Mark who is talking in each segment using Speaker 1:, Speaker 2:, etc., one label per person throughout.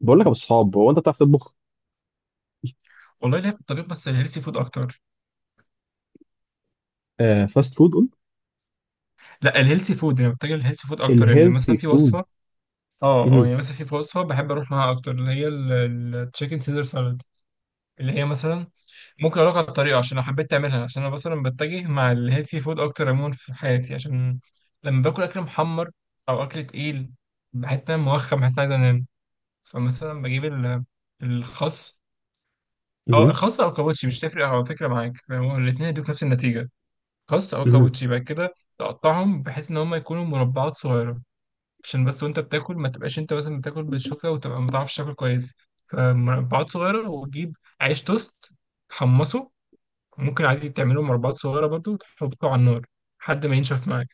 Speaker 1: بقول لك يا ابو الصحاب، هو انت بتعرف تطبخ؟
Speaker 2: والله ليا في الطبيخ، بس الهيلثي فود اكتر.
Speaker 1: آه، فاست فود قلت.
Speaker 2: لا الهيلثي فود، يعني بتجي الهيلثي فود اكتر، يعني
Speaker 1: الهيلثي
Speaker 2: مثلا في
Speaker 1: فود.
Speaker 2: وصفه. اه،
Speaker 1: مهم.
Speaker 2: يعني مثلا في وصفه بحب اروح معاها اكتر، اللي هي التشيكن سيزر سالاد، اللي هي مثلا. ممكن اقول لك على الطريقه، عشان لو حبيت تعملها، عشان انا مثلا بتجه مع الهيلثي فود اكتر عموما في حياتي، عشان لما باكل اكل محمر او اكل تقيل بحس ان انا موخم، بحس ان عايز انام. فمثلا بجيب الخس، او
Speaker 1: مهم.
Speaker 2: الخس او كابوتشي، مش تفرق على فكره معاك، هو الاثنين يدوك نفس النتيجه. خس او
Speaker 1: مهم.
Speaker 2: كابوتشي، بعد كده تقطعهم بحيث ان هم يكونوا مربعات صغيره، عشان بس وانت بتاكل ما تبقاش انت مثلا بتاكل بالشوكه وتبقى ما تعرفش تاكل كويس. فمربعات صغيره، وتجيب عيش توست، تحمصه، ممكن عادي تعمله مربعات صغيره برضو وتحطه على النار لحد ما ينشف معاك.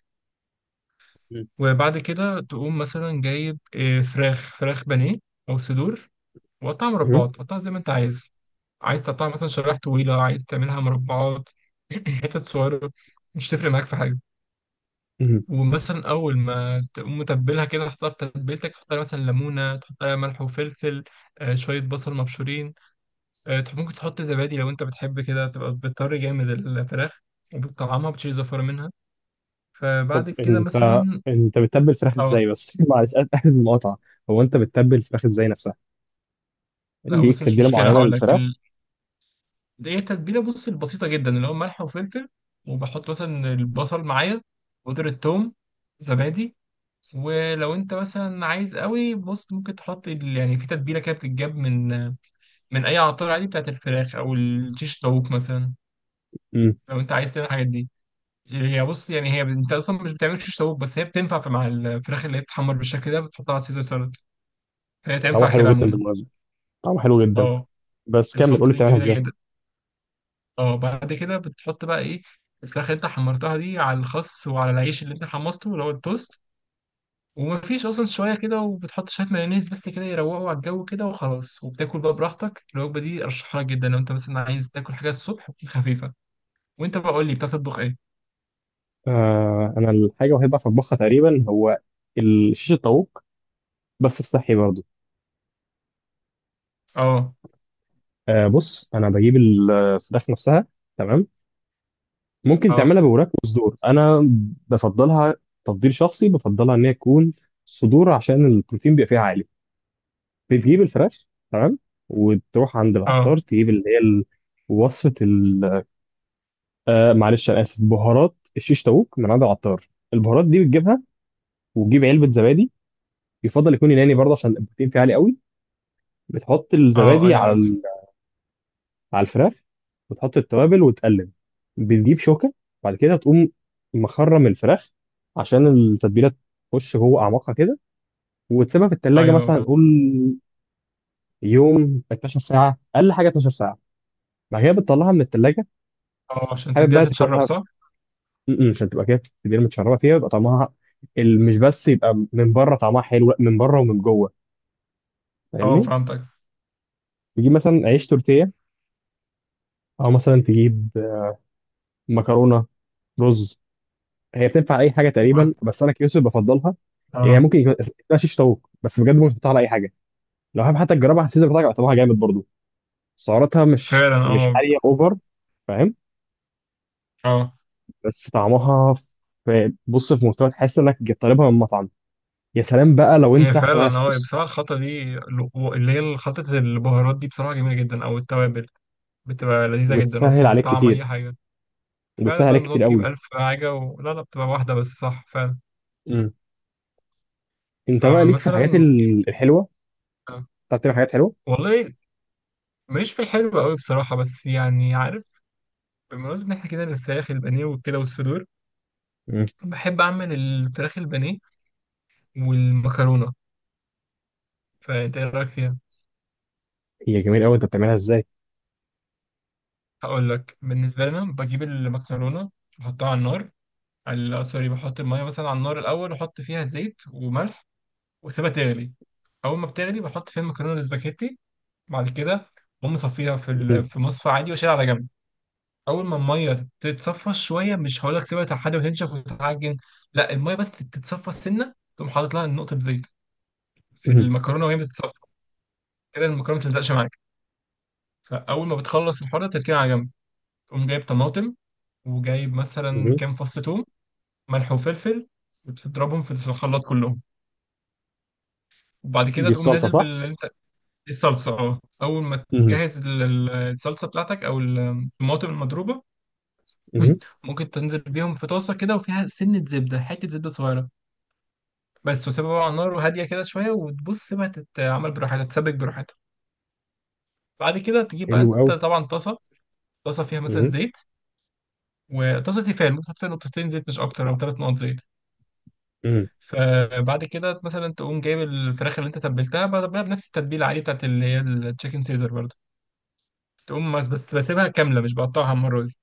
Speaker 2: وبعد كده تقوم مثلا جايب فراخ بانيه او صدور، وقطعها
Speaker 1: مهم.
Speaker 2: مربعات، قطعها زي ما انت عايز. عايز تقطعها مثلا شرايح طويله، عايز تعملها مربعات، حتت صغيره، مش تفرق معاك في حاجه.
Speaker 1: مهم.
Speaker 2: ومثلا اول ما تقوم متبلها كده تحطها في تتبيلتك، تحط عليها مثلا ليمونه، تحط عليها ملح وفلفل، شويه بصل مبشورين، ممكن تحط زبادي لو انت بتحب كده، تبقى بتطري جامد الفراخ وبتطعمها بتشيل زفاره منها.
Speaker 1: طب
Speaker 2: فبعد كده
Speaker 1: انت،
Speaker 2: مثلا.
Speaker 1: انت بتتبل الفراخ
Speaker 2: اه.
Speaker 1: ازاي بس؟ معلش، آسف المقاطعه. هو انت بتتبل الفراخ ازاي نفسها؟
Speaker 2: لا
Speaker 1: ليك
Speaker 2: بص، مش
Speaker 1: تتبيله
Speaker 2: مشكله
Speaker 1: معينه
Speaker 2: هقول لك
Speaker 1: للفراخ؟
Speaker 2: دي هي التتبيله، بص البسيطه جدا اللي هو ملح وفلفل، وبحط مثلا البصل معايا، بودرة ثوم، زبادي. ولو انت مثلا عايز قوي، بص ممكن تحط يعني في تتبيله كده بتتجاب من من اي عطار، عادي، بتاعت الفراخ او الشيش طاووق مثلا.
Speaker 1: مم.
Speaker 2: لو انت عايز تعمل الحاجات دي، هي بص، يعني هي انت اصلا مش بتعمل شيش طاووق، بس هي بتنفع في مع الفراخ اللي هي بتتحمر بالشكل ده بتحطها على سيزر سالاد، فهي
Speaker 1: طعمها
Speaker 2: تنفع
Speaker 1: حلو
Speaker 2: كده
Speaker 1: جدا
Speaker 2: عموما.
Speaker 1: بالمناسبه، طعمها حلو جدا.
Speaker 2: اه.
Speaker 1: بس كمل، قول
Speaker 2: الخلطه
Speaker 1: لي
Speaker 2: دي
Speaker 1: بتعملها
Speaker 2: جميله
Speaker 1: ازاي.
Speaker 2: جدا. اه، بعد كده بتحط بقى ايه؟ الفراخ اللي انت حمرتها دي على الخس وعلى العيش اللي انت حمصته اللي هو التوست، ومفيش اصلا شويه كده، وبتحط شويه مايونيز بس كده يروقوا على الجو كده، وخلاص وبتاكل بقى براحتك. الوجبه دي ارشحها لك جدا لو انت مثلا عايز تاكل حاجه الصبح وتكون خفيفه. وانت بقى، قول لي، بتعرف تطبخ ايه؟
Speaker 1: آه، انا الحاجه الوحيده اللي بعرف اطبخها تقريبا هو ال- شيش الطاووق، بس الصحي برضه.
Speaker 2: اه.
Speaker 1: آه، بص، انا بجيب الفراخ نفسها. تمام. ممكن
Speaker 2: اه.
Speaker 1: تعملها بوراك وصدور، انا بفضلها، تفضيل شخصي بفضلها ان هي تكون صدور عشان البروتين بيبقى فيها عالي. بتجيب الفراخ، تمام، وتروح عند العطار
Speaker 2: اه.
Speaker 1: تجيب اللي هي ال- وصفه ال- آه معلش انا اسف، بهارات الشيش تاوك من عند العطار. البهارات دي بتجيبها، وتجيب علبه زبادي، يفضل يكون يوناني برضه عشان البروتين فيه عالي قوي. بتحط
Speaker 2: اه.
Speaker 1: الزبادي
Speaker 2: ايوه
Speaker 1: على
Speaker 2: عرفت.
Speaker 1: على الفراخ، وتحط التوابل وتقلب. بتجيب شوكة، بعد كده تقوم مخرم الفراخ عشان التتبيلة تخش جوه أعماقها كده، وتسيبها في التلاجة
Speaker 2: ايوه
Speaker 1: مثلا،
Speaker 2: بقى.
Speaker 1: نقول يوم، 12 ساعة، أقل حاجة 12 ساعة. بعد كده بتطلعها من التلاجة،
Speaker 2: اه، عشان
Speaker 1: حابب
Speaker 2: تديها
Speaker 1: بقى
Speaker 2: تتشرب،
Speaker 1: تاكلها.
Speaker 2: صح؟
Speaker 1: م- م، عشان تبقى كده التتبيلة متشربة فيها، يبقى طعمها ال- مش بس يبقى من بره طعمها حلو، لا، من بره ومن جوه.
Speaker 2: اه
Speaker 1: فاهمني؟
Speaker 2: فهمتك.
Speaker 1: تجيب مثلا عيش تورتيه، أو مثلا تجيب مكرونة، رز. هي بتنفع اي حاجه تقريبا،
Speaker 2: وبعد-
Speaker 1: بس انا كيوسف بفضلها. يعني هي
Speaker 2: اه.
Speaker 1: ممكن يكون اسمها شيش طاووق، بس بجد ممكن تحطها على اي حاجه. لو حابب حتى تجربها على السيزر بتاعك، طعمها جامد برضو. سعراتها مش،
Speaker 2: فعلا،
Speaker 1: مش
Speaker 2: اه.
Speaker 1: عاليه اوفر. فاهم.
Speaker 2: اه،
Speaker 1: بس طعمها، بص في مستوى تحس انك طالبها من مطعم. يا سلام بقى لو
Speaker 2: هي
Speaker 1: انت حاطط
Speaker 2: فعلا،
Speaker 1: عليها
Speaker 2: اه، هي
Speaker 1: صوص.
Speaker 2: بصراحة الخلطة دي، اللي هي خلطة البهارات دي، بصراحة جميلة جدا، او التوابل، بتبقى لذيذة جدا،
Speaker 1: وتسهل
Speaker 2: اصلا
Speaker 1: عليك
Speaker 2: بتطعم
Speaker 1: كتير،
Speaker 2: اي حاجة. فعلا،
Speaker 1: وبتسهل
Speaker 2: بدل
Speaker 1: عليك
Speaker 2: ما
Speaker 1: كتير
Speaker 2: تقعد تجيب
Speaker 1: قوي.
Speaker 2: ألف حاجة لا لا، بتبقى واحدة بس، صح فعلا.
Speaker 1: امم. انت بقى ليك في
Speaker 2: فمثلا
Speaker 1: الحاجات
Speaker 2: ممكن-
Speaker 1: ال- الحلوه؟ بتعرف تعمل حاجات حلوه؟
Speaker 2: والله ماليش في الحلو قوي بصراحة، بس يعني عارف، بمناسبة ان احنا كده الفراخ البانيه وكده والصدور،
Speaker 1: امم.
Speaker 2: بحب اعمل الفراخ البانيه والمكرونة. فأنت إيه رأيك فيها؟
Speaker 1: هي جميل قوي، انت بتعملها ازاي؟
Speaker 2: هقول لك. بالنسبة لنا، بجيب المكرونة، بحطها على النار، سوري، بحط المية مثلا على النار الأول، وأحط فيها زيت وملح، وأسيبها تغلي. أول ما بتغلي بحط فيها المكرونة الاسباجيتي، بعد كده بقوم مصفيها في
Speaker 1: مم.
Speaker 2: في مصفى عادي، وأشيلها على جنب. أول ما المية تتصفى شوية، مش هقول لك سيبها لحد ما تنشف وتتعجن، لا، المية بس تتصفى السنة، تقوم حاطط لها نقطة زيت في
Speaker 1: مم.
Speaker 2: المكرونة وهي بتتصفى، كده المكرونة ما تلزقش معاك. فأول ما بتخلص الحوار ده، تركنها على جنب، تقوم جايب طماطم، وجايب مثلا
Speaker 1: مم.
Speaker 2: كام فص توم، ملح وفلفل، وتضربهم في الخلاط كلهم. وبعد كده
Speaker 1: دي
Speaker 2: تقوم
Speaker 1: الصلصه
Speaker 2: نازل
Speaker 1: صح؟
Speaker 2: بال، الصلصة، اه. أول ما
Speaker 1: امم.
Speaker 2: تجهز الصلصة بتاعتك، أو ال، الطماطم المضروبة.
Speaker 1: امم.
Speaker 2: ممكن تنزل بيهم في طاسة كده، وفيها سنة زبدة، حتة زبدة صغيرة بس، وسيبها بقى على النار وهادية كده شوية، وتبص بقى تتعمل براحتها، تتسبك براحتها. بعد كده تجيب بقى
Speaker 1: حلو
Speaker 2: أنت
Speaker 1: قوي.
Speaker 2: طبعا طاسة، طاسة فيها مثلا زيت، وطاسة تيفال ممكن تحط فيها نقطتين زيت، مش أكتر، أو ثلاث نقط زيت.
Speaker 1: مم.
Speaker 2: فبعد كده مثلا تقوم جايب الفراخ اللي انت تبلتها، بتبلها بنفس التتبيله عادي بتاعت اللي هي التشيكن سيزر برضه، تقوم بس بسيبها كامله، مش بقطعها مره دي.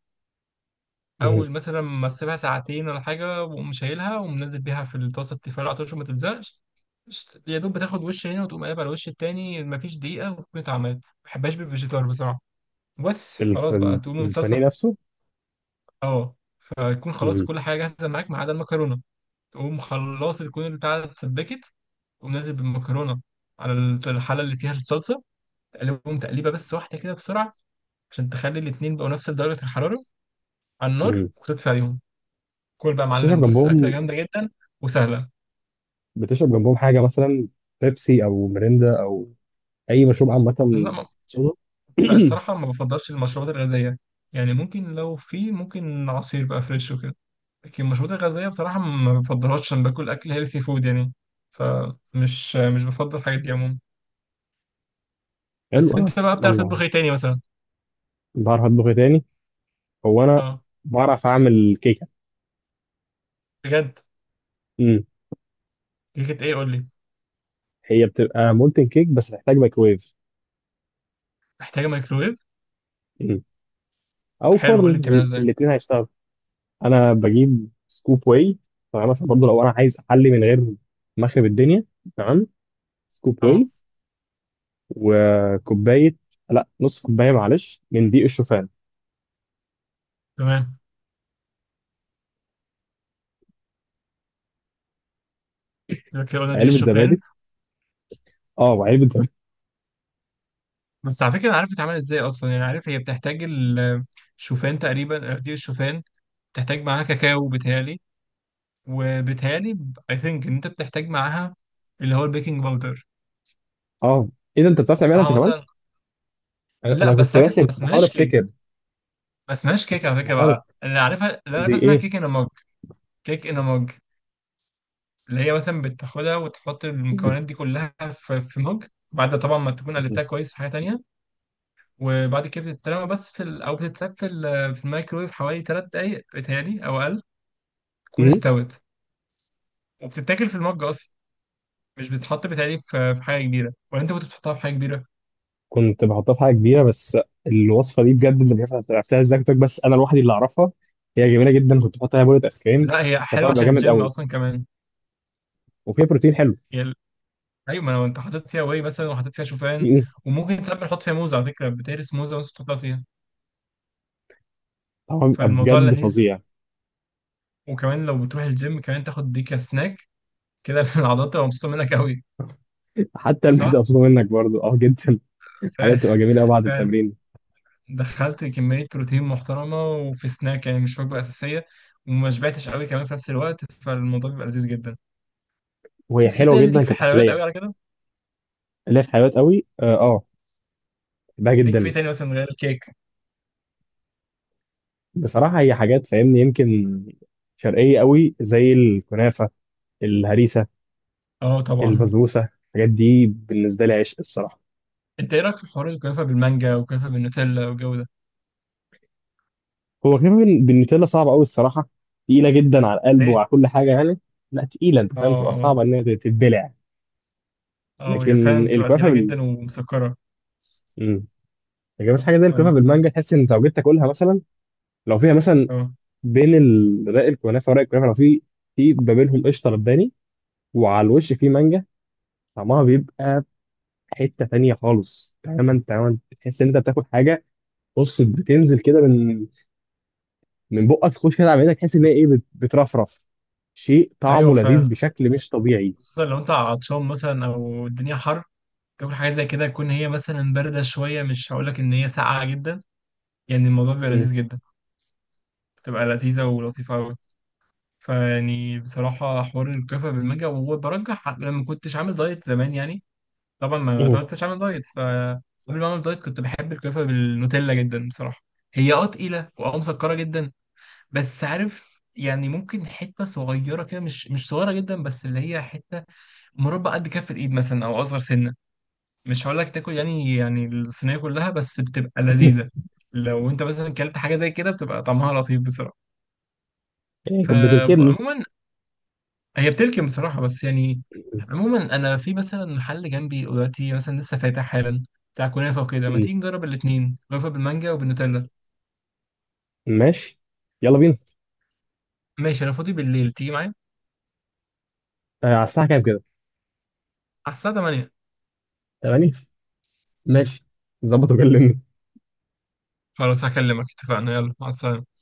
Speaker 1: مم.
Speaker 2: اول مثلا ما اسيبها ساعتين ولا حاجه، واقوم شايلها ومنزل بيها في الطاسه التيفال على طول، عشان ما تلزقش. يا دوب بتاخد وش هنا وتقوم قلب على الوش التاني، مفيش دقيقه وتكون اتعملت، ما بحبهاش بالفيجيتار بصراحه، بس
Speaker 1: الف...
Speaker 2: خلاص بقى. تقوم
Speaker 1: البانيه
Speaker 2: الصلصه،
Speaker 1: نفسه.
Speaker 2: اه، فتكون خلاص
Speaker 1: مم.
Speaker 2: كل حاجه جاهزه معاك ما عدا المكرونه. تقوم خلاص تكون البتاعه اتسبكت، قوم نازل بالمكرونه على الحله اللي فيها الصلصه، تقلبهم تقليبه بس واحده كده بسرعه، عشان تخلي الاتنين بقوا نفس درجه الحراره على النار،
Speaker 1: مم.
Speaker 2: وتطفي عليهم. كل بقى يا معلم،
Speaker 1: بتشرب
Speaker 2: بص اكله
Speaker 1: جنبهم؟
Speaker 2: جامده جدا وسهله.
Speaker 1: بتشرب جنبهم حاجه مثلا، بيبسي او ميريندا او اي مشروب
Speaker 2: لا
Speaker 1: عامه؟
Speaker 2: ما-
Speaker 1: صودا.
Speaker 2: لا الصراحه، ما بفضلش المشروبات الغازيه، يعني ممكن لو في، ممكن عصير بقى فريش وكده، لكن المشروبات الغازيه بصراحه ما بفضلهاش، عشان باكل اكل هيلثي فود يعني، فمش، مش بفضل الحاجات دي عموما. بس
Speaker 1: حلو. انا
Speaker 2: انت بقى بتعرف
Speaker 1: والله
Speaker 2: تطبخ ايه تاني مثلا؟
Speaker 1: بعرف اطبخ إيه تاني؟ هو انا
Speaker 2: اه،
Speaker 1: بعرف اعمل كيكه.
Speaker 2: بجد؟
Speaker 1: مم.
Speaker 2: كيكه ايه، قول لي.
Speaker 1: هي بتبقى مولتن كيك بس تحتاج مايكرويف.
Speaker 2: محتاجه مايكروويف؟
Speaker 1: مم.
Speaker 2: طب
Speaker 1: او
Speaker 2: حلو،
Speaker 1: فرن،
Speaker 2: قول لي بتعملها ازاي.
Speaker 1: الاثنين هيشتغلوا. انا بجيب سكوب واي، تمام، عشان برضه لو انا عايز احلي من غير مخرب الدنيا. تمام. سكوب
Speaker 2: اه،
Speaker 1: واي، وكوبايه، لا نص كوبايه معلش، من دقيق الشوفان.
Speaker 2: تمام، يبقى كده قلنا دي
Speaker 1: علبه
Speaker 2: الشوفان.
Speaker 1: زبادي. اه، وعلبه زبادي.
Speaker 2: بس على فكره انا عارف بتتعمل ازاي اصلا، يعني عارف هي بتحتاج الشوفان تقريبا، آه، دي الشوفان، بتحتاج معاها كاكاو بتهيالي، وبتهيالي اي ثينك ان انت بتحتاج معاها اللي هو البيكنج باودر،
Speaker 1: اه، ايه ده، انت بتعرف تعملها انت
Speaker 2: تحطها
Speaker 1: كمان؟
Speaker 2: مثلا.
Speaker 1: انا
Speaker 2: لا
Speaker 1: أنا
Speaker 2: بس
Speaker 1: كنت
Speaker 2: عارف
Speaker 1: راسم،
Speaker 2: ما
Speaker 1: كنت بحاول
Speaker 2: اسمهاش كيك،
Speaker 1: افتكر.
Speaker 2: ما اسمهاش كيك
Speaker 1: كنت
Speaker 2: على فكره
Speaker 1: بحاول
Speaker 2: بقى
Speaker 1: أفت-
Speaker 2: اللي عارفها، اللي انا
Speaker 1: دي
Speaker 2: عارفها اسمها
Speaker 1: ايه؟
Speaker 2: كيك ان مج. كيك ان مج، اللي هي مثلا بتاخدها وتحط المكونات دي كلها في في مج، بعد طبعا ما تكون قلبتها كويس في حاجه تانيه، وبعد كده بتترمى بس في او بتتساب في في الميكرويف حوالي 3 دقايق بتهيألي او اقل تكون
Speaker 1: أمم.
Speaker 2: استوت، وبتتاكل في المج اصلا، مش بتتحط بتهيألي في، في حاجه كبيره. ولا انت كنت بتحطها في حاجه كبيره؟
Speaker 1: كنت بحطها في حاجه كبيره، بس الوصفه دي بجد اللي مش عارف عرفتها ازاي، كنت بس انا لوحدي اللي اعرفها. هي جميله جدا، كنت بحط عليها بولة ايس كريم.
Speaker 2: لا، هي
Speaker 1: كان طعمها
Speaker 2: حلوه
Speaker 1: بيبقى
Speaker 2: عشان
Speaker 1: جامد
Speaker 2: الجيم
Speaker 1: قوي،
Speaker 2: اصلا كمان.
Speaker 1: وفيها بروتين حلو.
Speaker 2: هي ال- ايوه، ما لو انت حاطط فيها واي مثلا، وحاطط فيها شوفان،
Speaker 1: أمم.
Speaker 2: وممكن ساعات بنحط فيها موز على فكره، بتهرس موزه بس تحطها فيها،
Speaker 1: طعمها بيبقى
Speaker 2: فالموضوع
Speaker 1: بجد
Speaker 2: لذيذ.
Speaker 1: فظيع.
Speaker 2: وكمان لو بتروح الجيم، كمان تاخد دي كسناك كده، العضلات تبقى مبسوطه منك قوي،
Speaker 1: حتى المعده
Speaker 2: صح؟
Speaker 1: مبسوطه منك برضو، اه جدا. حاجات
Speaker 2: فعلا.
Speaker 1: بتبقى جميله قوي بعد
Speaker 2: فعلا،
Speaker 1: التمرين.
Speaker 2: دخلت كمية بروتين محترمة، وفي سناك يعني مش وجبة أساسية، وما شبعتش قوي كمان في نفس الوقت، فالموضوع بيبقى لذيذ جدا.
Speaker 1: وهي
Speaker 2: بس أنت
Speaker 1: حلوه
Speaker 2: يعني
Speaker 1: جدا
Speaker 2: ليك في حلويات
Speaker 1: كتحليه.
Speaker 2: قوي على كده؟
Speaker 1: اللي هي في حلويات قوي، اه، بحبها
Speaker 2: ليك في
Speaker 1: جدا.
Speaker 2: إيه تاني مثلا غير الكيك؟
Speaker 1: بصراحه هي حاجات، فاهمني، يمكن شرقيه قوي زي الكنافه، الهريسه،
Speaker 2: أه طبعا.
Speaker 1: البسبوسه، الحاجات دي بالنسبه لي عشق الصراحه.
Speaker 2: أنت إيه رأيك في حوار الكنافة بالمانجا والكنافة بالنوتيلا والجو ده؟
Speaker 1: هو كنافه بال- بالنوتيلا صعبه قوي الصراحه، تقيله جدا على القلب
Speaker 2: إيه؟
Speaker 1: وعلى كل حاجه يعني. لا تقيله، انت
Speaker 2: أه.
Speaker 1: فاهم، تبقى
Speaker 2: أه.
Speaker 1: صعبه ان هي تتبلع.
Speaker 2: أه، هي
Speaker 1: لكن
Speaker 2: فعلا بتبقى
Speaker 1: الكنافه
Speaker 2: تقيلة
Speaker 1: بال-
Speaker 2: جدا ومسكرة.
Speaker 1: امم، لكن بس حاجه زي الكنافه
Speaker 2: أه.
Speaker 1: بالمانجا، تحس ان انت لو جيت تاكلها مثلا، لو فيها مثلا
Speaker 2: أه.
Speaker 1: بين ال- رق الكنافه ورق الكنافه، لو في في ما بينهم قشطه لباني، وعلى الوش في مانجا، طعمها بيبقى حته تانية خالص، تماما تماما. تحس ان انت بتاكل حاجه، بص، بتنزل كده من من بقك تخش كده على معدتك، تحس ان هي ايه، بت- بترفرف. شيء
Speaker 2: أيوه
Speaker 1: طعمه لذيذ
Speaker 2: فعلا،
Speaker 1: بشكل مش طبيعي.
Speaker 2: خصوصا لو أنت عطشان مثلا أو الدنيا حر، تاكل حاجة زي كده تكون هي مثلا باردة شوية، مش هقولك إن هي ساقعة جدا، يعني الموضوع بيبقى
Speaker 1: مم.
Speaker 2: لذيذ جدا، بتبقى لذيذة ولطيفة أوي. فيعني بصراحة حوار الكفة بالمانجا، وبرجح لما كنتش عامل دايت زمان يعني، طبعا ما
Speaker 1: مم.
Speaker 2: كنتش عامل دايت. فقبل ما أعمل دايت كنت بحب الكفة بالنوتيلا جدا بصراحة، هي اه تقيلة واه مسكرة جدا، بس عارف يعني ممكن حتة صغيرة كده، مش صغيرة جدا بس، اللي هي حتة مربع قد كف الإيد مثلا أو أصغر سنة، مش هقول لك تاكل يعني، يعني الصينية كلها، بس بتبقى لذيذة. لو أنت مثلا كلت حاجة زي كده بتبقى طعمها لطيف بصراحة،
Speaker 1: إيه، كانت بتركبني.
Speaker 2: فعموما هي بتركن بصراحة بس يعني. عموما أنا في مثلا محل جنبي دلوقتي مثلا لسه فاتح حالا بتاع كنافة وكده، ما
Speaker 1: مم.
Speaker 2: تيجي نجرب الاتنين كنافة بالمانجا وبالنوتيلا.
Speaker 1: ماشي، يلا بينا.
Speaker 2: ماشي، أنا فاضي بالليل، تيجي معايا
Speaker 1: آه، على الساعه كام كده؟
Speaker 2: على الساعة 8.
Speaker 1: 8؟ ماشي، ظبط وكلمني.
Speaker 2: خلاص هكلمك، اتفقنا، يلا مع السلامة.